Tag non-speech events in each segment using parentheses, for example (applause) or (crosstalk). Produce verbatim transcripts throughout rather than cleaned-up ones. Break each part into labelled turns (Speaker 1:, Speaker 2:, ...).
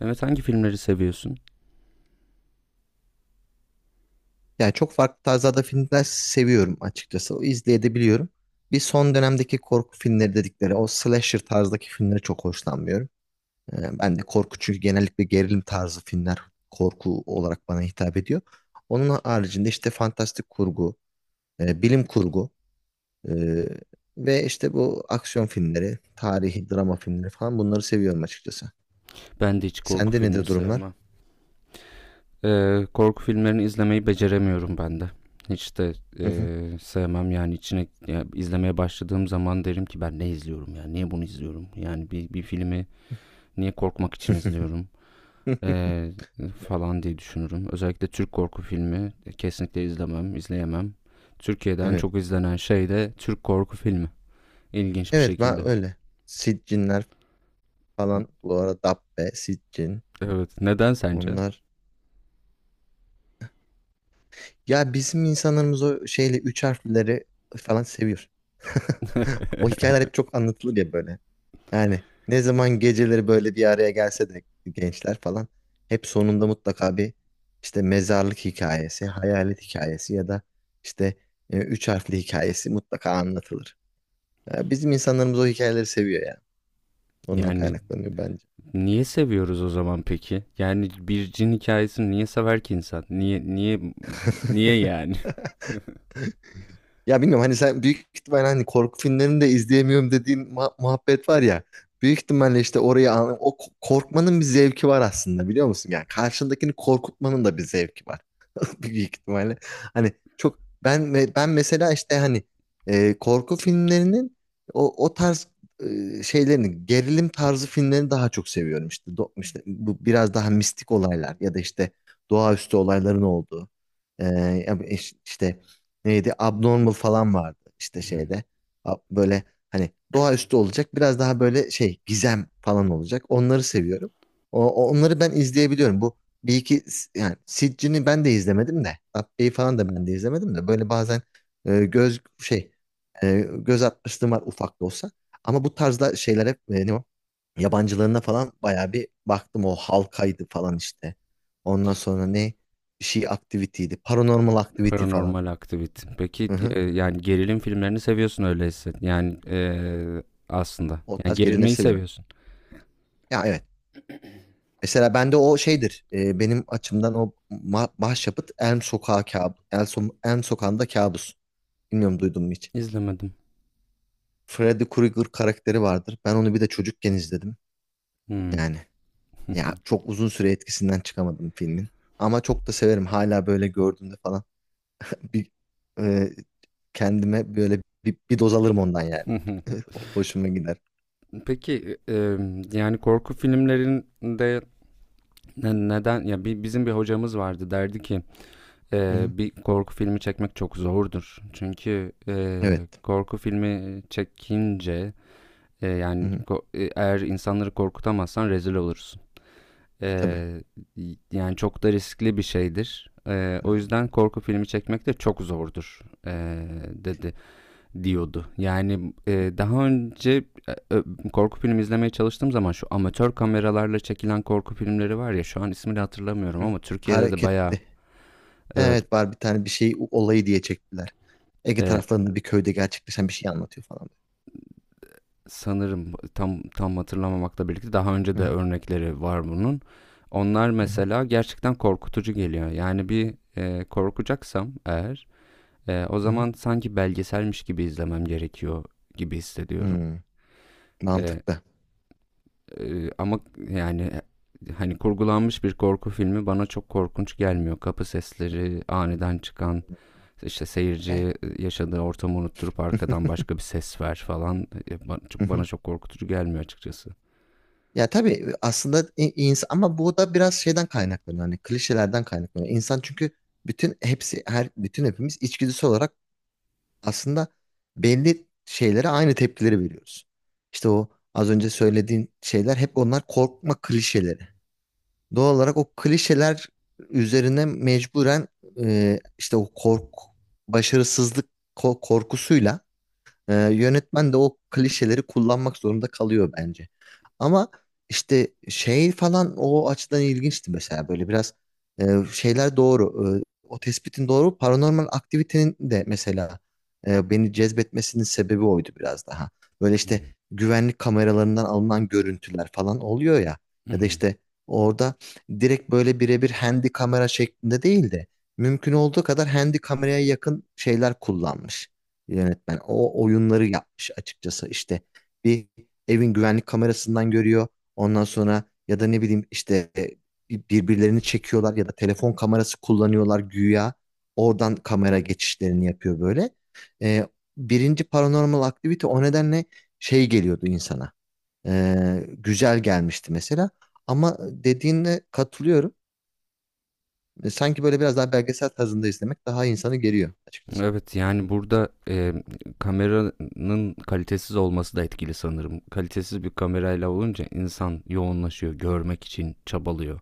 Speaker 1: Evet hangi filmleri seviyorsun?
Speaker 2: Yani çok farklı tarzlarda filmler seviyorum açıkçası. O izleyebiliyorum. Bir son dönemdeki korku filmleri dedikleri o slasher tarzdaki filmlere çok hoşlanmıyorum. Ee, ben de korku çünkü genellikle gerilim tarzı filmler korku olarak bana hitap ediyor. Onun haricinde işte fantastik kurgu, e, bilim kurgu e, ve işte bu aksiyon filmleri, tarihi drama filmleri falan bunları seviyorum açıkçası.
Speaker 1: Ben de hiç korku
Speaker 2: Sende
Speaker 1: filmi
Speaker 2: nedir durumlar?
Speaker 1: sevmem. Ee, korku filmlerini izlemeyi beceremiyorum ben de. Hiç de e,
Speaker 2: Hı hı.
Speaker 1: sevmem yani içine ya izlemeye başladığım zaman derim ki ben ne izliyorum ya niye bunu izliyorum yani bir, bir filmi niye korkmak için izliyorum.
Speaker 2: (laughs)
Speaker 1: Ee, Falan diye düşünürüm. Özellikle Türk korku filmi e, kesinlikle izlemem izleyemem. Türkiye'den
Speaker 2: Evet.
Speaker 1: çok izlenen şey de Türk korku filmi, İlginç bir
Speaker 2: Evet
Speaker 1: şekilde.
Speaker 2: ben öyle. Siccinler falan bu arada Dabbe, Sitcin
Speaker 1: Evet neden sence? (laughs)
Speaker 2: onlar. Ya bizim insanlarımız o şeyle üç harfleri falan seviyor. (laughs) O hikayeler hep çok anlatılır ya böyle. Yani ne zaman geceleri böyle bir araya gelse de gençler falan hep sonunda mutlaka bir işte mezarlık hikayesi, hayalet hikayesi ya da işte e, üç harfli hikayesi mutlaka anlatılır. Ya bizim insanlarımız o hikayeleri seviyor ya. Ondan
Speaker 1: Yani
Speaker 2: kaynaklanıyor bence.
Speaker 1: niye seviyoruz o zaman peki? Yani bir cin hikayesini niye sever ki insan? Niye niye niye
Speaker 2: (laughs)
Speaker 1: yani?
Speaker 2: Ya bilmiyorum, hani sen büyük ihtimal hani korku filmlerini de izleyemiyorum dediğin muha- muhabbet var ya. Büyük ihtimalle işte orayı an- o ko- korkmanın bir zevki var aslında, biliyor musun? Yani karşındakini korkutmanın da bir zevki var. (laughs) büyük ihtimalle. Hani çok ben ben mesela işte hani e, korku filmlerinin o o tarz e, şeylerini, gerilim tarzı filmlerini daha çok seviyorum işte. Do- işte bu biraz daha mistik olaylar ya da işte doğaüstü olayların olduğu. E, Ya bu iş- işte neydi, Abnormal falan vardı işte şeyde.
Speaker 1: (laughs)
Speaker 2: A- böyle hani doğaüstü olacak, biraz daha böyle şey gizem falan olacak, onları seviyorum. O, onları ben izleyebiliyorum. Bu bir iki, yani Sitchin'i ben de izlemedim de, Dabbe'yi falan da ben de izlemedim de, böyle bazen e, göz şey e, göz atmışlığım var, ufak da olsa. Ama bu tarzda şeyler hep e, ne o? Yabancılarına falan bayağı bir baktım, o halkaydı falan işte. Ondan sonra ne, bir şey aktivitiydi. Paranormal aktiviti falan.
Speaker 1: Paranormal aktivite. Peki
Speaker 2: Hı hı.
Speaker 1: e, yani gerilim filmlerini seviyorsun öyleyse. Yani e, aslında.
Speaker 2: O
Speaker 1: Yani
Speaker 2: tarz gelinleri
Speaker 1: gerilmeyi
Speaker 2: seviyorum.
Speaker 1: seviyorsun.
Speaker 2: Ya evet. Mesela bende o şeydir. e, benim açımdan o ma- başyapıt Elm Sokağı kabus. Elm, So- Elm Sokağı'nda kabus. Bilmiyorum, duydun mu hiç?
Speaker 1: İzlemedim.
Speaker 2: Freddy Krueger karakteri vardır. Ben onu bir de çocukken izledim.
Speaker 1: Hmm. (laughs)
Speaker 2: Yani ya çok uzun süre etkisinden çıkamadım filmin. Ama çok da severim. Hala böyle gördüğümde falan bir e, kendime böyle bir, bir doz alırım ondan yani.
Speaker 1: (laughs)
Speaker 2: (laughs) O- Hoşuma gider.
Speaker 1: Peki e, yani korku filmlerinde ne- neden ya bi- bizim bir hocamız vardı derdi ki
Speaker 2: Hı
Speaker 1: Ee,
Speaker 2: hı.
Speaker 1: bir korku filmi çekmek çok zordur. Çünkü e,
Speaker 2: Evet.
Speaker 1: korku filmi çekince e,
Speaker 2: Hı
Speaker 1: yani
Speaker 2: hı.
Speaker 1: ko- e, eğer insanları korkutamazsan rezil olursun.
Speaker 2: Tabii.
Speaker 1: Ee, Yani çok da riskli bir şeydir. Ee,
Speaker 2: Hı
Speaker 1: o
Speaker 2: hı.
Speaker 1: yüzden korku filmi çekmek de çok zordur, ee, dedi diyordu. Yani e, daha önce e, ö- korku filmi izlemeye çalıştığım zaman şu amatör kameralarla çekilen korku filmleri var ya şu an ismini hatırlamıyorum
Speaker 2: Hı hı.
Speaker 1: ama Türkiye'de de bayağı
Speaker 2: Hareketli.
Speaker 1: evet,
Speaker 2: Evet, var bir tane, bir şey o- olayı diye çektiler. Ege
Speaker 1: e,
Speaker 2: taraflarında bir köyde gerçekleşen bir şey anlatıyor falan.
Speaker 1: sanırım tam tam hatırlamamakla birlikte daha önce
Speaker 2: Hı
Speaker 1: de
Speaker 2: hı.
Speaker 1: örnekleri var bunun. Onlar
Speaker 2: Hı hı.
Speaker 1: mesela gerçekten korkutucu geliyor. Yani bir e, korkacaksam eğer e, o
Speaker 2: Hı hı.
Speaker 1: zaman sanki belgeselmiş gibi izlemem gerekiyor gibi hissediyorum.
Speaker 2: Hmm.
Speaker 1: E,
Speaker 2: Mantıklı.
Speaker 1: e, Ama yani e, hani kurgulanmış bir korku filmi bana çok korkunç gelmiyor. Kapı sesleri, aniden çıkan işte
Speaker 2: Be.
Speaker 1: seyirciye yaşadığı ortamı unutturup arkadan başka bir ses ver falan e, ba- çok-
Speaker 2: (laughs)
Speaker 1: bana çok korkutucu gelmiyor açıkçası.
Speaker 2: Ya tabii aslında i- insan, ama bu da biraz şeyden kaynaklanıyor. Hani klişelerden kaynaklanıyor. İnsan çünkü bütün hepsi her bütün hepimiz içgüdüsel olarak aslında belli şeylere aynı tepkileri veriyoruz. İşte o az önce söylediğin şeyler hep onlar korkma klişeleri. Doğal olarak o klişeler üzerine mecburen e, işte o kork başarısızlık ko- korkusuyla ee, yönetmen de o klişeleri kullanmak zorunda kalıyor bence. Ama işte şey falan o açıdan ilginçti mesela, böyle biraz e, şeyler doğru. E, o tespitin doğru. Paranormal aktivitenin de mesela e, beni cezbetmesinin sebebi oydu biraz daha. Böyle işte
Speaker 1: Hmm.
Speaker 2: güvenlik kameralarından alınan görüntüler falan oluyor ya.
Speaker 1: Hı
Speaker 2: Ya da
Speaker 1: hı.
Speaker 2: işte orada direkt böyle birebir handy kamera şeklinde değil de mümkün olduğu kadar handy kameraya yakın şeyler kullanmış yönetmen. O oyunları yapmış açıkçası. İşte bir evin güvenlik kamerasından görüyor. Ondan sonra, ya da ne bileyim işte e, bir- birbirlerini çekiyorlar ya da telefon kamerası kullanıyorlar güya. Oradan kamera geçişlerini yapıyor böyle. E, birinci Paranormal Activity o nedenle şey geliyordu insana. E, güzel gelmişti mesela. Ama dediğine katılıyorum. E, sanki böyle biraz daha belgesel tarzında izlemek daha insanı geriyor açıkçası.
Speaker 1: Evet yani burada e, kameranın kalitesiz olması da etkili sanırım. Kalitesiz bir kamerayla olunca insan yoğunlaşıyor, görmek için çabalıyor.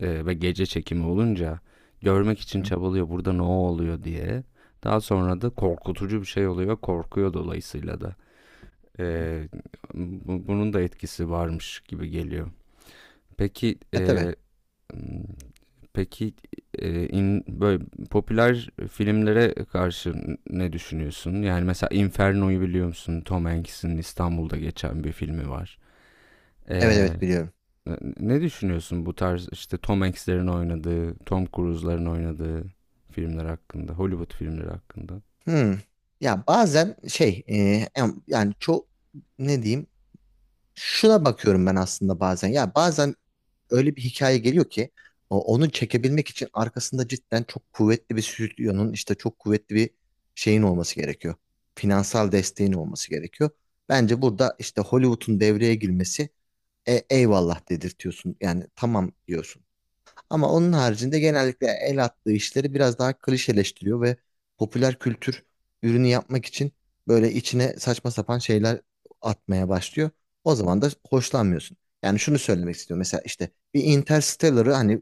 Speaker 1: E, ve gece çekimi olunca görmek için
Speaker 2: Hı hı.
Speaker 1: çabalıyor burada ne oluyor diye. Daha sonra da korkutucu bir şey oluyor, korkuyor dolayısıyla da.
Speaker 2: Hı hı.
Speaker 1: E, bu- Bunun da etkisi varmış gibi geliyor. Peki
Speaker 2: E tabii.
Speaker 1: e, Peki, eee, in böyle popüler filmlere karşı ne düşünüyorsun? Yani mesela Inferno'yu biliyor musun? Tom Hanks'in İstanbul'da geçen bir filmi var.
Speaker 2: Evet
Speaker 1: Eee,
Speaker 2: evet biliyorum.
Speaker 1: Ne düşünüyorsun bu tarz, işte, Tom Hanks'lerin oynadığı, Tom Cruise'ların oynadığı filmler hakkında, Hollywood filmleri hakkında?
Speaker 2: Hmm. Ya bazen şey e, em- yani çok ne diyeyim, şuna bakıyorum ben aslında bazen. Ya bazen öyle bir hikaye geliyor ki o- onu çekebilmek için arkasında cidden çok kuvvetli bir stüdyonun, işte çok kuvvetli bir şeyin olması gerekiyor. Finansal desteğin olması gerekiyor. Bence burada işte Hollywood'un devreye girmesi e, eyvallah dedirtiyorsun. Yani tamam diyorsun. Ama onun haricinde genellikle el attığı işleri biraz daha klişeleştiriyor ve popüler kültür ürünü yapmak için böyle içine saçma sapan şeyler atmaya başlıyor. O zaman da hoşlanmıyorsun. Yani şunu söylemek istiyorum. Mesela işte bir Interstellar'ı, hani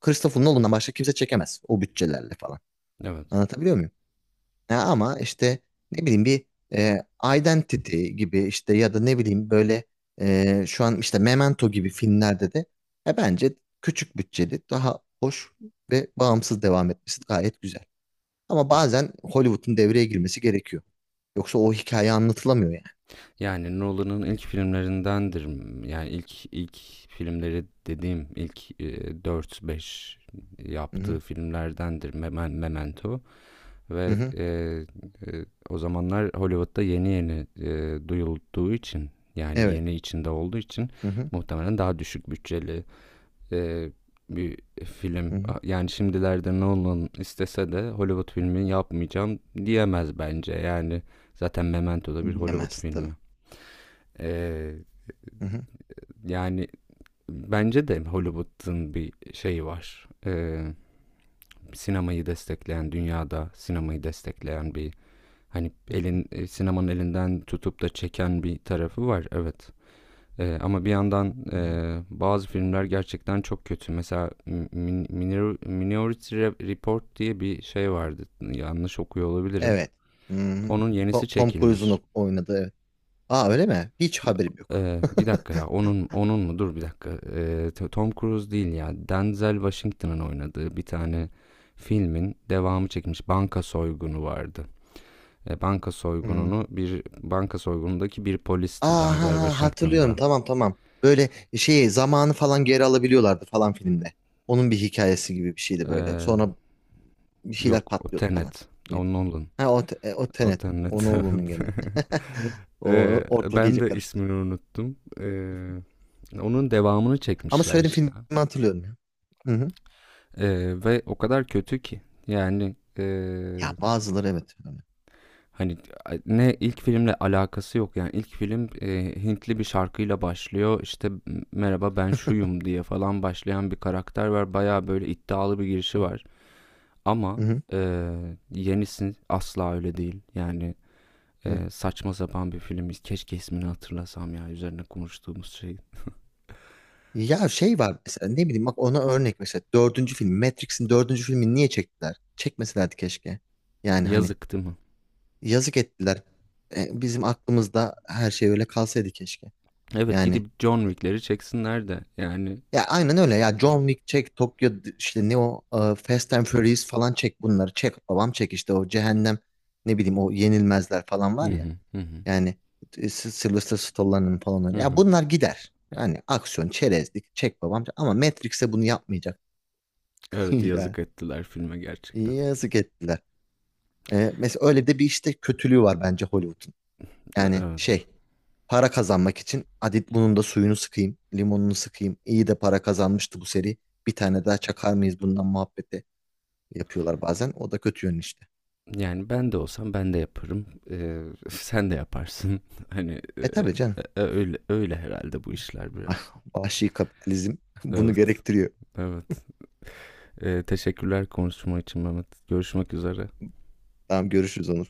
Speaker 2: Christopher Nolan'dan başka kimse çekemez o bütçelerle falan.
Speaker 1: Evet.
Speaker 2: Anlatabiliyor muyum? Ya ama işte ne bileyim bir e, Identity gibi, işte ya da ne bileyim böyle e, şu an işte Memento gibi filmlerde de e, bence küçük bütçeli daha hoş ve bağımsız devam etmesi gayet güzel. Ama bazen Hollywood'un devreye girmesi gerekiyor. Yoksa o hikaye anlatılamıyor yani.
Speaker 1: Yani Nolan'ın ilk filmlerindendir. Yani ilk ilk filmleri dediğim ilk, eee, dört beş
Speaker 2: Hı
Speaker 1: yaptığı
Speaker 2: hı.
Speaker 1: filmlerdendir. Memen Memento.
Speaker 2: Hı
Speaker 1: Ve
Speaker 2: hı.
Speaker 1: e, e, o zamanlar Hollywood'da yeni yeni e, duyulduğu için yani
Speaker 2: Evet.
Speaker 1: yeni içinde olduğu için
Speaker 2: Hı hı.
Speaker 1: muhtemelen daha düşük bütçeli e, bir film.
Speaker 2: Hı hı.
Speaker 1: Yani şimdilerde Nolan istese de Hollywood filmi yapmayacağım diyemez bence. Yani zaten Memento da bir Hollywood
Speaker 2: Bilemez
Speaker 1: filmi.
Speaker 2: tabii.
Speaker 1: E,
Speaker 2: Hı hı.
Speaker 1: Yani bence de Hollywood'un bir şeyi var. E, sinemayı destekleyen, dünyada sinemayı destekleyen bir. Hani
Speaker 2: Hı hı.
Speaker 1: elin eee, sinemanın elinden tutup da çeken bir tarafı var, evet. Eee, ama bir yandan
Speaker 2: Hı hı.
Speaker 1: eee, bazı filmler gerçekten çok kötü. Mesela Min- Minor- Minority Report diye bir şey vardı. Yanlış okuyor olabilirim.
Speaker 2: Evet. Hı hı.
Speaker 1: Onun yenisi
Speaker 2: To- Tom Cruise'un
Speaker 1: çekilmiş.
Speaker 2: ok-, oynadığı. Evet. Aa, öyle mi? Hiç haberim yok.
Speaker 1: Eee, bir dakika ya onun onun mu? Dur bir dakika. Eee, T- Tom Cruise değil ya. Denzel Washington'ın oynadığı bir tane filmin devamı çekilmiş. Banka soygunu vardı. E, banka
Speaker 2: Hı.
Speaker 1: soygununu Bir banka soygunundaki bir polisti Denzel
Speaker 2: Aha ha, hatırlıyorum,
Speaker 1: Washington'da.
Speaker 2: tamam tamam. Böyle şeyi, zamanı falan geri alabiliyorlardı falan filmde. Onun bir hikayesi gibi bir şeydi böyle.
Speaker 1: E,
Speaker 2: Sonra bir şeyler
Speaker 1: Yok o
Speaker 2: patlıyordu falan.
Speaker 1: Tenet. O
Speaker 2: Mıydı?
Speaker 1: Nolan.
Speaker 2: Ha o, te- e, o
Speaker 1: O
Speaker 2: Tenet. O
Speaker 1: Tenet.
Speaker 2: ne
Speaker 1: (laughs)
Speaker 2: oldu onun gene? (laughs)
Speaker 1: E,
Speaker 2: O ortalık
Speaker 1: ben
Speaker 2: iyice
Speaker 1: de
Speaker 2: karıştı.
Speaker 1: ismini unuttum. E, onun devamını
Speaker 2: Ama
Speaker 1: çekmişler
Speaker 2: söylediğim
Speaker 1: işte.
Speaker 2: filmi hatırlıyorum ya. Hı hı.
Speaker 1: E, ve o kadar kötü ki. Yani e,
Speaker 2: Ya bazıları evet, öyle.
Speaker 1: hani ne ilk filmle alakası yok. Yani ilk film e, Hintli bir şarkıyla başlıyor. İşte merhaba ben şuyum diye falan başlayan bir karakter var. Baya böyle iddialı bir girişi var.
Speaker 2: Hı
Speaker 1: Ama
Speaker 2: hı.
Speaker 1: eee, yenisi asla öyle değil. Yani
Speaker 2: Evet.
Speaker 1: eee, saçma sapan bir film. Keşke ismini hatırlasam ya üzerine konuştuğumuz şey.
Speaker 2: Ya şey var mesela, ne bileyim, bak ona örnek mesela dördüncü film, Matrix'in dördüncü filmini niye çektiler? Çekmeselerdi keşke. Yani hani,
Speaker 1: Yazık değil mi?
Speaker 2: yazık ettiler. E, bizim aklımızda her şey öyle kalsaydı keşke.
Speaker 1: Evet
Speaker 2: Yani
Speaker 1: gidip John Wick'leri çeksinler de yani.
Speaker 2: ya aynen öyle ya, John Wick çek, Tokyo d- işte ne o e, Fast and Furious falan çek, bunları çek babam çek, işte o cehennem, ne bileyim, o yenilmezler falan
Speaker 1: Hı
Speaker 2: var ya.
Speaker 1: hı hı hı.
Speaker 2: Yani e, S- Sylvester Stallone'ın falan
Speaker 1: Hı
Speaker 2: öyle. Ya
Speaker 1: hı.
Speaker 2: bunlar gider. Yani aksiyon çerezlik çek babam, ama Matrix'e bunu yapmayacak.
Speaker 1: Evet yazık
Speaker 2: (laughs)
Speaker 1: ettiler filme
Speaker 2: Ya
Speaker 1: gerçekten.
Speaker 2: yazık ettiler. E, mesela öyle de bir işte kötülüğü var bence Hollywood'un. Yani
Speaker 1: Evet.
Speaker 2: şey, para kazanmak için Adit, bunun da suyunu sıkayım, limonunu sıkayım. İyi de para kazanmıştı bu seri. Bir tane daha çakar mıyız bundan muhabbeti yapıyorlar bazen. O da kötü yönü işte.
Speaker 1: Yani ben de olsam ben de yaparım. Eee, (laughs) sen de yaparsın. (laughs) Hani
Speaker 2: E
Speaker 1: eee,
Speaker 2: tabii canım.
Speaker 1: öyle öyle herhalde bu işler biraz.
Speaker 2: (laughs) Vahşi kapitalizm (laughs) bunu
Speaker 1: Evet,
Speaker 2: gerektiriyor.
Speaker 1: evet. Ee, teşekkürler konuşma için Mehmet. Görüşmek üzere.
Speaker 2: Tamam, görüşürüz Onur.